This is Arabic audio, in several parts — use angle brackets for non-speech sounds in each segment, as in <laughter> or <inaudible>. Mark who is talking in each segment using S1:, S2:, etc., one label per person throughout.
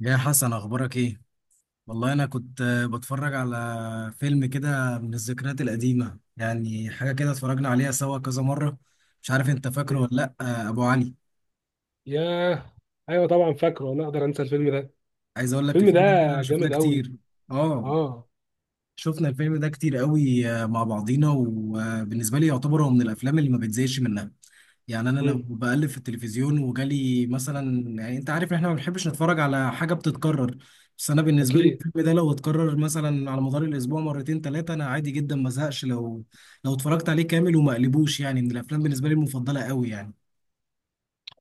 S1: يا حسن، اخبارك ايه؟ والله انا كنت بتفرج على فيلم كده من الذكريات القديمة، يعني حاجة كده اتفرجنا عليها سوا كذا مرة. مش عارف انت فاكره
S2: مم.
S1: ولا لا، ابو علي.
S2: ياه. ايوه، طبعا فاكره، انا اقدر انسى الفيلم ده؟
S1: عايز اقول لك
S2: الفيلم ده
S1: الفيلم ده شفناه
S2: جامد قوي.
S1: كتير. اه،
S2: اه.
S1: شفنا الفيلم ده كتير قوي مع بعضينا، وبالنسبة لي يعتبر هو من الافلام اللي ما بتزهقش منها. يعني انا لو
S2: مم.
S1: بقلب في التلفزيون وجالي مثلا، يعني انت عارف ان احنا ما بنحبش نتفرج على حاجه بتتكرر. بس انا بالنسبه لي
S2: اكيد.
S1: الفيلم ده لو اتكرر مثلا على مدار الاسبوع مرتين ثلاثه، انا عادي جدا ما زهقش، لو اتفرجت عليه كامل وما قلبوش. يعني من الافلام بالنسبه لي المفضله قوي يعني.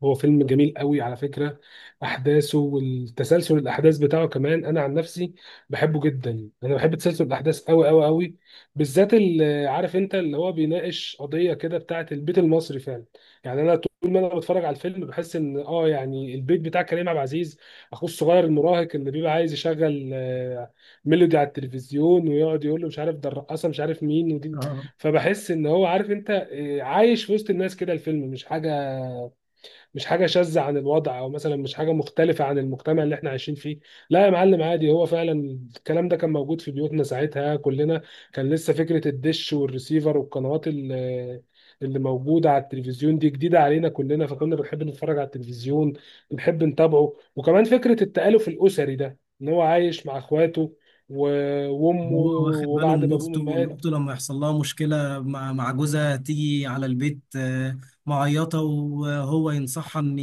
S2: هو فيلم جميل قوي على فكرة. أحداثه والتسلسل الأحداث بتاعه، كمان أنا عن نفسي بحبه جدا. أنا بحب تسلسل الأحداث قوي قوي قوي، بالذات اللي عارف أنت اللي هو بيناقش قضية كده بتاعة البيت المصري فعلا. يعني أنا طول ما أنا بتفرج على الفيلم بحس إن يعني البيت بتاع كريم عبد العزيز، أخوه الصغير المراهق اللي بيبقى عايز يشغل ميلودي على التلفزيون، ويقعد يقول له مش عارف ده الرقاصة، مش عارف مين ودي.
S1: اه،
S2: فبحس إن هو عارف أنت، عايش في وسط الناس كده، الفيلم مش حاجة مش حاجه شاذه عن الوضع، او مثلا مش حاجه مختلفه عن المجتمع اللي احنا عايشين فيه. لا يا معلم، عادي، هو فعلا الكلام ده كان موجود في بيوتنا ساعتها كلنا. كان لسه فكره الدش والريسيفر والقنوات اللي موجوده على التلفزيون دي جديده علينا كلنا، فكنا بنحب نتفرج على التلفزيون، بنحب نتابعه. وكمان فكره التآلف الاسري ده، ان هو عايش مع اخواته
S1: إن
S2: وامه
S1: هو واخد باله
S2: وبعد
S1: من
S2: ما ابوه
S1: اخته، وان
S2: مات.
S1: اخته لما يحصل لها مشكله مع جوزها تيجي على البيت معيطه، وهو ينصحها ان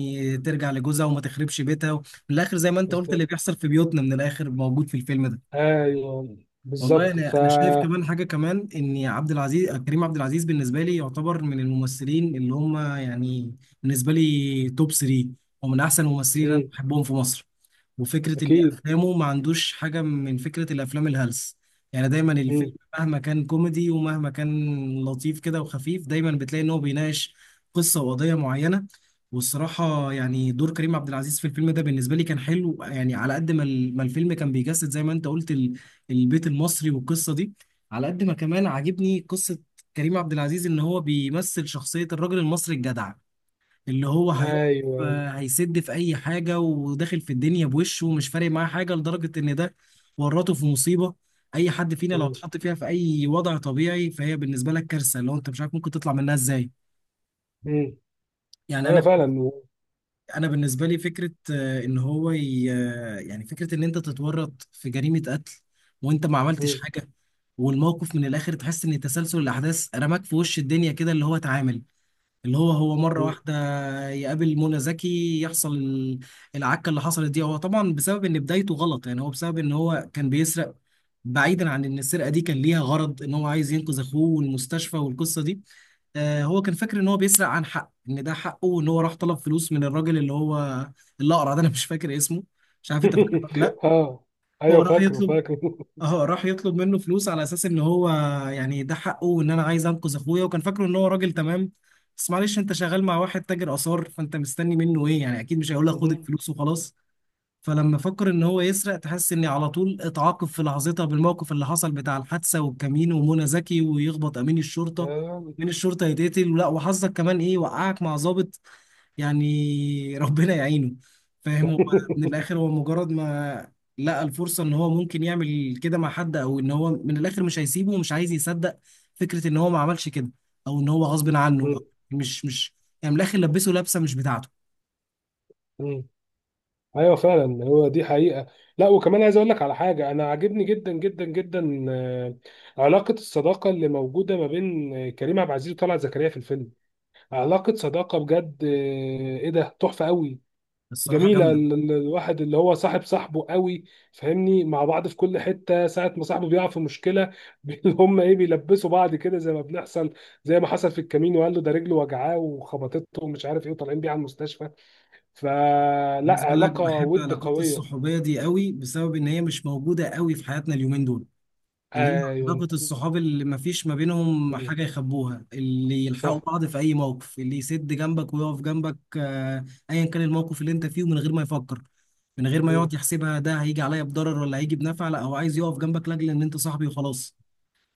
S1: ترجع لجوزها وما تخربش بيتها. من الاخر زي ما انت قلت، اللي
S2: بالظبط.
S1: بيحصل في بيوتنا من الاخر موجود في الفيلم ده.
S2: ايوه.
S1: والله
S2: بالظبط.
S1: انا شايف كمان حاجه كمان، ان عبد العزيز كريم عبد العزيز بالنسبه لي يعتبر من الممثلين اللي هم يعني بالنسبه لي توب 3، ومن احسن الممثلين اللي انا
S2: مم.
S1: بحبهم في مصر. وفكره ان
S2: اكيد.
S1: افلامه ما عندوش حاجه من فكره الافلام الهلس. يعني دايما الفيلم
S2: مم.
S1: مهما كان كوميدي ومهما كان لطيف كده وخفيف، دايما بتلاقي ان هو بيناقش قصه وقضيه معينه. والصراحه يعني دور كريم عبد العزيز في الفيلم ده بالنسبه لي كان حلو. يعني على قد ما ما الفيلم كان بيجسد زي ما انت قلت البيت المصري والقصه دي، على قد ما كمان عاجبني قصه كريم عبد العزيز ان هو بيمثل شخصيه الراجل المصري الجدع، اللي هو هيقف
S2: ايوه.
S1: هيسد في اي حاجه، وداخل في الدنيا بوشه ومش فارق معاه حاجه، لدرجه ان ده ورطه في مصيبه. اي حد فينا لو
S2: مم.
S1: اتحط فيها في اي وضع طبيعي، فهي بالنسبه لك كارثه، اللي هو انت مش عارف ممكن تطلع منها ازاي.
S2: مم.
S1: يعني
S2: ايوه
S1: انا
S2: فعلا. مم.
S1: انا بالنسبه لي فكره ان هو يعني فكره ان انت تتورط في جريمه قتل وانت ما عملتش حاجه. والموقف من الاخر تحس ان تسلسل الاحداث رماك في وش الدنيا كده، اللي هو اتعامل، اللي هو مرة
S2: مم.
S1: واحدة يقابل منى زكي يحصل العكة اللي حصلت دي. هو طبعا بسبب ان بدايته غلط، يعني هو بسبب ان هو كان بيسرق. بعيدا عن ان السرقة دي كان ليها غرض، ان هو عايز ينقذ اخوه والمستشفى والقصة دي. هو كان فاكر ان هو بيسرق عن حق، ان ده حقه، وان هو راح طلب فلوس من الراجل اللي هو الاقرع ده. انا مش فاكر اسمه، مش عارف انت فاكر ولا لا.
S2: <laughs> اه،
S1: هو
S2: ايوه،
S1: راح
S2: فاكره
S1: يطلب
S2: فاكره.
S1: اه راح يطلب منه فلوس على اساس ان هو يعني ده حقه، وان انا عايز انقذ اخويا، وكان فاكره ان هو راجل تمام. بس معلش، انت شغال مع واحد تاجر اثار، فانت مستني منه ايه؟ يعني اكيد مش هيقول لك خد
S2: مم.
S1: الفلوس وخلاص. فلما فكر ان هو يسرق، تحس اني على طول اتعاقب في لحظتها بالموقف اللي حصل بتاع الحادثه والكمين ومنى زكي ويخبط امين الشرطه.
S2: آه.
S1: امين الشرطه يتقتل، لا وحظك كمان ايه، وقعك مع ضابط. يعني <laughs> ربنا يعينه. فاهم. هو من
S2: <laughs>
S1: الاخر، هو مجرد ما لقى الفرصه ان هو ممكن يعمل كده مع حد، او ان هو من الاخر مش هيسيبه، ومش عايز يصدق فكره ان هو ما عملش كده، او ان هو غصب عنه، أو
S2: مم.
S1: مش، يعني من الاخر لبسه لبسه مش بتاعته.
S2: مم. ايوه فعلا، هو دي حقيقه. لا، وكمان عايز اقول لك على حاجه، انا عاجبني جدا جدا جدا علاقه الصداقه اللي موجوده ما بين كريم عبد العزيز وطلعت زكريا في الفيلم. علاقه صداقه بجد. ايه ده، تحفه قوي.
S1: الصراحه
S2: جميلة
S1: جامده.
S2: الواحد اللي هو صاحب صاحبه قوي، فاهمني، مع بعض في كل حتة. ساعة ما صاحبه بيقع في مشكلة <laughs> اللي هم ايه، بيلبسوا بعض كده زي ما بنحصل، زي ما حصل في الكمين وقال له ده رجله وجعاه وخبطته ومش عارف ايه وطالعين بيه على المستشفى. فلا،
S1: عايز اقول لك،
S2: علاقة
S1: بحب
S2: ود
S1: العلاقات
S2: قوية.
S1: الصحوبيه دي قوي بسبب ان هي مش موجوده قوي في حياتنا اليومين دول. اللي هي
S2: ايوه.
S1: علاقه الصحاب اللي ما فيش ما بينهم
S2: مم.
S1: حاجه يخبوها، اللي يلحقوا
S2: صح.
S1: بعض في اي موقف، اللي يسد جنبك ويقف جنبك، ايا كان الموقف اللي انت فيه، من غير ما يفكر، من غير ما يقعد
S2: مم.
S1: يحسبها ده هيجي عليا بضرر ولا هيجي بنفع. لا، هو عايز يقف جنبك لاجل ان انت صاحبي وخلاص.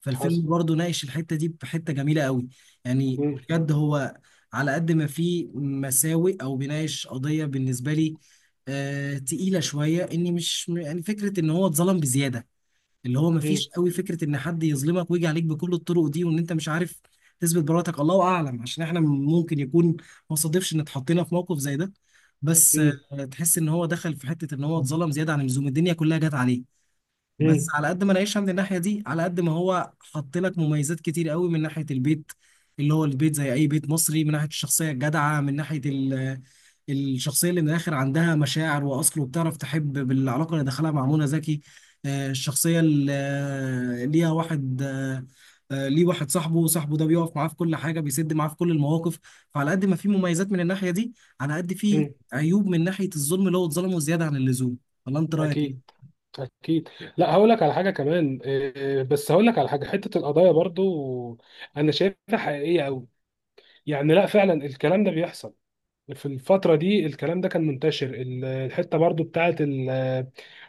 S1: فالفيلم
S2: حصل.
S1: برضه ناقش الحتة دي بحتة جميلة قوي. يعني
S2: مم.
S1: بجد هو على قد ما فيه مساوئ أو بيناقش قضية بالنسبة لي تقيلة شوية، إني مش يعني فكرة إن هو اتظلم بزيادة. اللي هو
S2: مم.
S1: مفيش قوي فكرة إن حد يظلمك ويجي عليك بكل الطرق دي، وإن أنت مش عارف تثبت براءتك. الله أعلم، عشان إحنا ممكن يكون ما صادفش إن اتحطينا في موقف زي ده. بس
S2: مم.
S1: تحس إن هو دخل في حتة إن هو اتظلم زيادة عن اللزوم، الدنيا كلها جت عليه. بس
S2: مم.
S1: على قد ما نعيشها من الناحية دي، على قد ما هو حط لك مميزات كتير قوي: من ناحية البيت اللي هو البيت زي أي بيت مصري، من ناحية الشخصية الجدعة، من ناحية الشخصية اللي من الآخر عندها مشاعر وأصل وبتعرف تحب بالعلاقة اللي دخلها مع منى زكي، الشخصية اللي ليه واحد صاحبه صاحبه ده بيقف معاه في كل حاجة، بيسد معاه في كل المواقف. فعلى قد ما في مميزات من الناحية دي، على قد في
S2: مم.
S1: عيوب من ناحية الظلم اللي هو اتظلمه زيادة عن اللزوم. ولا أنت رأيك
S2: اكيد،
S1: إيه؟
S2: اكيد. لا، هقول لك على حاجه كمان إيه، بس هقول لك على حاجه، حته القضايا برضو انا شايفها حقيقيه قوي. يعني لا، فعلا الكلام ده بيحصل. في الفترة دي الكلام ده كان منتشر، الحتة برضو بتاعت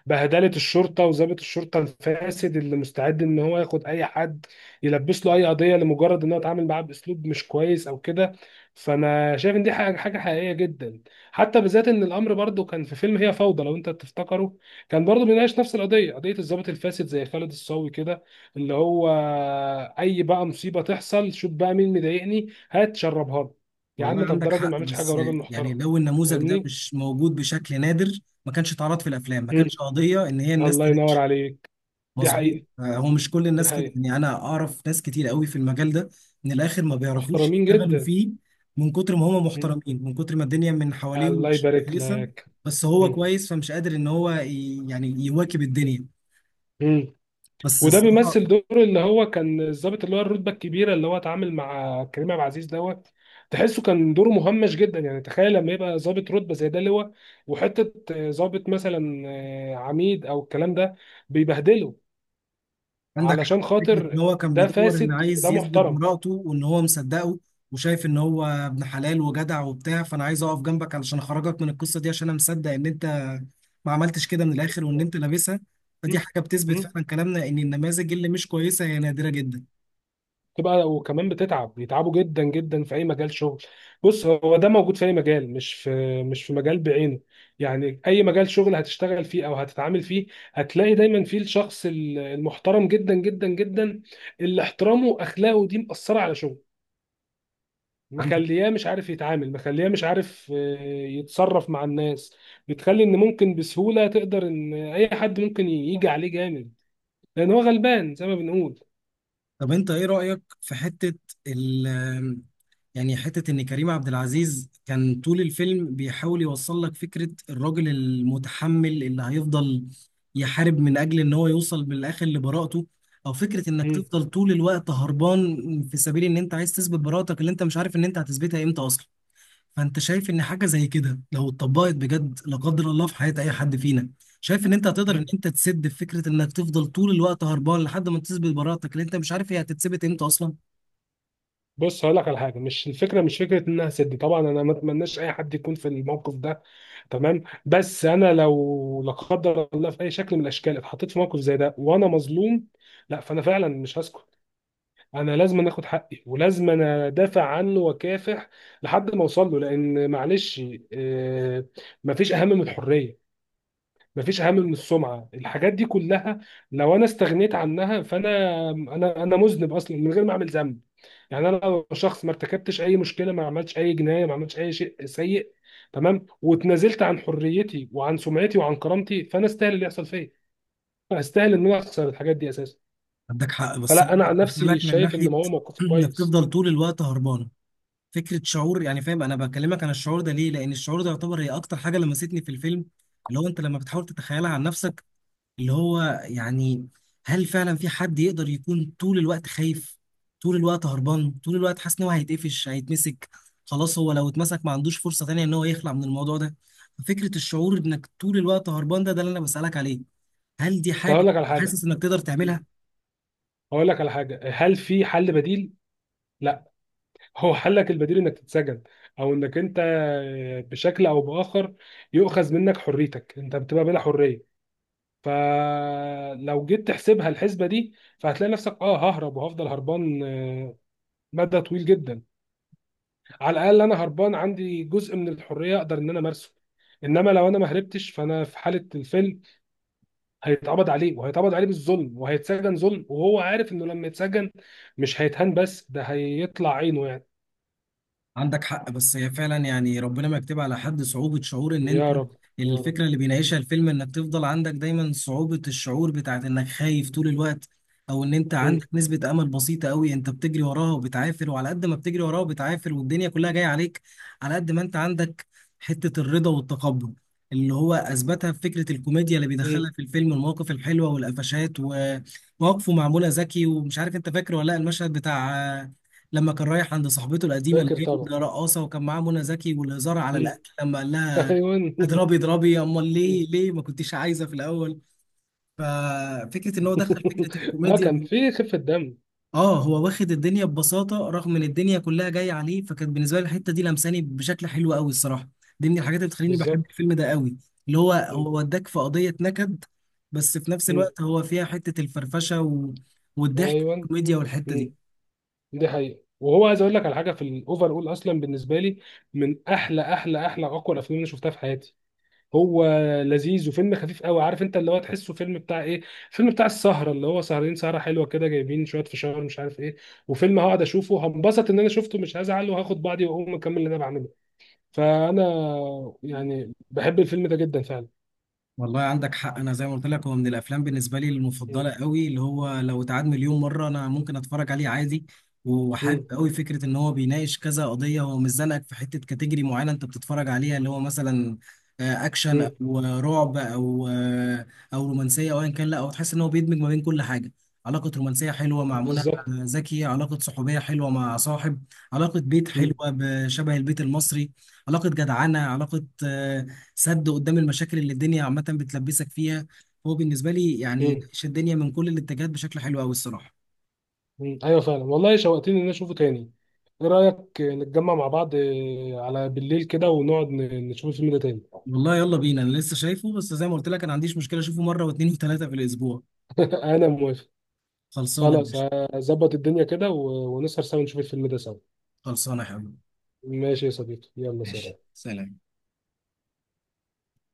S2: بهدلة الشرطة، وضابط الشرطة الفاسد اللي مستعد ان هو ياخد اي حد يلبس له اي قضية لمجرد ان هو اتعامل معاه باسلوب مش كويس او كده. فانا شايف ان دي حاجة حقيقية جدا، حتى بالذات ان الامر برضو كان في فيلم هي فوضى لو انت تفتكره، كان برضو بيناقش نفس القضية، قضية الضابط الفاسد زي خالد الصاوي كده، اللي هو اي بقى مصيبة تحصل شوف بقى مين مضايقني هات شربها. يا
S1: والله
S2: عم طب ده
S1: عندك
S2: راجل ما
S1: حق،
S2: عملش حاجه
S1: بس
S2: وراجل
S1: يعني
S2: محترم.
S1: لو النموذج ده
S2: فاهمني.
S1: مش موجود بشكل نادر، ما كانش اتعرض في الافلام، ما
S2: مم.
S1: كانش قضيه ان هي الناس
S2: الله ينور
S1: تنتشر.
S2: عليك. دي
S1: مظبوط.
S2: حقيقه،
S1: هو مش كل
S2: دي
S1: الناس كده،
S2: حقيقه.
S1: يعني انا اعرف ناس كتير قوي في المجال ده من الاخر ما بيعرفوش
S2: محترمين
S1: يشتغلوا
S2: جدا.
S1: فيه، من كتر ما هم
S2: مم.
S1: محترمين، من كتر ما الدنيا من حواليهم
S2: الله
S1: مش
S2: يبارك
S1: كويسه.
S2: لك.
S1: بس هو
S2: مم.
S1: كويس فمش قادر ان هو يعني يواكب الدنيا.
S2: مم.
S1: بس
S2: وده
S1: الصراحه،
S2: بيمثل دور اللي هو كان الضابط اللي هو الرتبه الكبيره اللي هو اتعامل مع كريم عبد العزيز دوت. تحسه كان دوره مهمش جدا، يعني تخيل لما يبقى ضابط رتبه زي ده اللي هو وحته، ضابط مثلا عميد او الكلام ده، بيبهدله
S1: عندك حق
S2: علشان
S1: في فكرة إن
S2: خاطر
S1: هو كان
S2: ده
S1: بيدور، إن
S2: فاسد
S1: عايز
S2: وده
S1: يثبت
S2: محترم.
S1: براءته، وإن هو مصدقه، وشايف إن هو ابن حلال وجدع وبتاع. فأنا عايز أقف جنبك علشان أخرجك من القصة دي، عشان أنا مصدق إن أنت ما عملتش كده من الآخر وإن أنت لابسها.
S2: مم.
S1: فدي حاجة بتثبت
S2: مم.
S1: فعلا كلامنا إن النماذج اللي مش كويسة هي نادرة جدا.
S2: تبقى وكمان بتتعب، بيتعبوا جدا جدا في اي مجال شغل. بص، هو ده موجود في اي مجال، مش في مجال بعينه. يعني اي مجال شغل هتشتغل فيه او هتتعامل فيه، هتلاقي دايما فيه الشخص المحترم جدا جدا جدا، اللي احترامه واخلاقه دي مأثرة على شغله،
S1: عندك.
S2: مخلياه مش عارف يتعامل، مخلياه مش عارف يتصرف مع الناس، بتخلي ان ممكن بسهولة تقدر ان اي حد ممكن يجي عليه جامد لان هو غلبان زي ما بنقول.
S1: طب أنت إيه رأيك في حتة ال- يعني حتة إن كريم عبد العزيز كان طول الفيلم بيحاول يوصل لك فكرة الراجل المتحمل اللي هيفضل يحارب من أجل إن هو يوصل بالآخر لبراءته، أو فكرة إنك تفضل طول الوقت هربان في سبيل إن أنت عايز تثبت براءتك اللي أنت مش عارف إن أنت هتثبتها إمتى أصلا؟ فأنت شايف إن حاجة زي كده لو اتطبقت بجد لا قدر الله في حياة أي حد فينا، شايف إن أنت هتقدر إن
S2: مم.
S1: أنت تسد في فكرة إنك تفضل طول الوقت هربان لحد ما تثبت براءتك اللي أنت مش عارف هي هتتثبت إمتى أصلا؟
S2: بص، هقول لك على حاجه، مش الفكره، مش فكره ان انا هسد. طبعا انا ما اتمناش اي حد يكون في الموقف ده، تمام؟ بس انا لو لا قدر الله في اي شكل من الاشكال اتحطيت في موقف زي ده وانا مظلوم، لا، فانا فعلا مش هسكت. انا لازم اخد حقي، ولازم انا ادافع عنه واكافح لحد ما اوصل له، لان معلش آه، مفيش اهم من الحريه، مفيش اهم من السمعه، الحاجات دي كلها لو انا استغنيت عنها فانا انا انا مذنب اصلا من غير ما اعمل ذنب. يعني انا لو شخص ما ارتكبتش اي مشكله، ما عملتش اي جنايه، ما عملتش اي شيء سيء، تمام، واتنازلت عن حريتي وعن سمعتي وعن كرامتي، فانا استاهل اللي يحصل فيا، استاهل ان انا اخسر الحاجات دي اساسا.
S1: عندك حق، بس انا
S2: فلا، انا
S1: قلت
S2: عن نفسي
S1: لك من
S2: شايف ان
S1: ناحيه
S2: هو موقف
S1: <clears throat> انك
S2: كويس.
S1: تفضل طول الوقت هربان، فكره شعور. يعني فاهم انا بكلمك عن الشعور ده ليه، لان الشعور ده يعتبر هي اكتر حاجه لمستني في الفيلم. اللي هو انت لما بتحاول تتخيلها عن نفسك، اللي هو يعني هل فعلا في حد يقدر يكون طول الوقت خايف، طول الوقت هربان، طول الوقت حاسس ان هو هيتقفش هيتمسك؟ خلاص، هو لو اتمسك ما عندوش فرصه تانية ان هو يخلع من الموضوع ده. فكره الشعور انك طول الوقت هربان ده اللي انا بسالك عليه. هل دي
S2: بس
S1: حاجه
S2: هقول لك على حاجه،
S1: حاسس انك تقدر تعملها؟
S2: هقول لك على حاجه، هل في حل بديل؟ لا. هو حلك البديل انك تتسجن، او انك انت بشكل او باخر يؤخذ منك حريتك، انت بتبقى بلا حريه. فلو جيت تحسبها الحسبه دي، فهتلاقي نفسك، اه ههرب وهفضل هربان مدى طويل جدا. على الاقل انا هربان عندي جزء من الحريه اقدر ان انا امارسه. انما لو انا ما هربتش، فانا في حاله الفيلم هيتقبض عليه، وهيتقبض عليه بالظلم، وهيتسجن ظلم، وهو عارف انه لما يتسجن مش هيتهان بس ده هيطلع عينه يعني.
S1: عندك حق، بس هي فعلا يعني ربنا ما يكتب على حد صعوبة شعور ان انت.
S2: يا رب. يا رب.
S1: الفكرة اللي بيناقشها الفيلم انك تفضل عندك دايما صعوبة الشعور بتاعت انك خايف طول الوقت، او ان انت
S2: مم.
S1: عندك نسبة امل بسيطة قوي انت بتجري وراها وبتعافر، وعلى قد ما بتجري وراها وبتعافر والدنيا كلها جاية عليك، على قد ما انت عندك حتة الرضا والتقبل، اللي هو اثبتها في فكرة الكوميديا اللي
S2: مم.
S1: بيدخلها في الفيلم، المواقف الحلوة والقفشات ومواقفه معمولة ذكي، ومش عارف انت فاكر ولا لا المشهد بتاع لما كان رايح عند صاحبته القديمه
S2: فاكر
S1: اللي هي
S2: طبعا.
S1: رقاصه وكان معاه منى زكي، والهزار على
S2: مم.
S1: الاكل لما قال
S2: <laughs>
S1: لها:
S2: ايوه
S1: اضربي
S2: <laughs>
S1: اضربي، امال ليه ليه ما كنتيش عايزه في الاول. ففكره ان هو دخل فكره
S2: اه، كان
S1: الكوميديا.
S2: في خفه دم.
S1: اه، هو واخد الدنيا ببساطه رغم ان الدنيا كلها جايه عليه، فكانت بالنسبه لي الحته دي لمساني بشكل حلو قوي الصراحه. دي من الحاجات اللي بتخليني بحب
S2: بالظبط.
S1: الفيلم ده قوي، اللي هو
S2: مم.
S1: وداك في قضيه نكد، بس في نفس
S2: مم.
S1: الوقت هو فيها حته الفرفشه والضحك
S2: ايوه.
S1: والكوميديا والحته دي.
S2: مم. دي حقيقة. وهو عايز اقول لك على حاجة، في الاوفر اول اصلا بالنسبة لي، من احلى احلى احلى اقوى الافلام اللي شفتها في حياتي، هو لذيذ وفيلم خفيف قوي. عارف انت اللي هو تحسه فيلم بتاع ايه؟ فيلم بتاع السهرة، اللي هو سهرين سهرة حلوة كده، جايبين شوية فشار مش عارف ايه، وفيلم هقعد اشوفه هنبسط ان انا شفته، مش هزعل، وهاخد بعضي واقوم اكمل اللي انا بعمله. فانا يعني بحب الفيلم ده جدا فعلا.
S1: والله عندك حق، انا زي ما قلت لك هو من الافلام بالنسبه لي
S2: مم.
S1: المفضله قوي، اللي هو لو اتعاد مليون مره انا ممكن اتفرج عليه عادي. وحابب
S2: مم.
S1: قوي فكره ان هو بيناقش كذا قضيه، هو مش زنقك في حته كاتيجوري معينه انت بتتفرج عليها، اللي هو مثلا اكشن
S2: مم.
S1: او رعب او رومانسيه او ايا كان. لا، هو تحس ان هو بيدمج ما بين كل حاجه: علاقة رومانسية حلوة مع منى
S2: بالظبط.
S1: زكي، علاقة صحوبية حلوة مع صاحب، علاقة بيت حلوة
S2: مم.
S1: بشبه البيت المصري، علاقة جدعنة، علاقة سد قدام المشاكل اللي الدنيا عامة بتلبسك فيها. هو بالنسبة لي يعني
S2: مم.
S1: ناقش الدنيا من كل الاتجاهات بشكل حلو قوي الصراحة.
S2: مم. ايوه فعلا، والله شوقتني ان انا اشوفه تاني. ايه رايك نتجمع مع بعض على بالليل كده ونقعد نشوف الفيلم ده تاني؟
S1: والله يلا بينا، انا لسه شايفه، بس زي ما قلت لك انا ما عنديش مشكلة اشوفه مرة واثنين وثلاثة في الاسبوع.
S2: <laughs> انا موافق.
S1: خلصانة يا
S2: خلاص،
S1: باشا.
S2: هظبط الدنيا كده ونسهر سوا نشوف الفيلم ده سوا.
S1: خلصانة يا حبيبي.
S2: ماشي يا صديقي، يلا سلام.
S1: ماشي، سلام.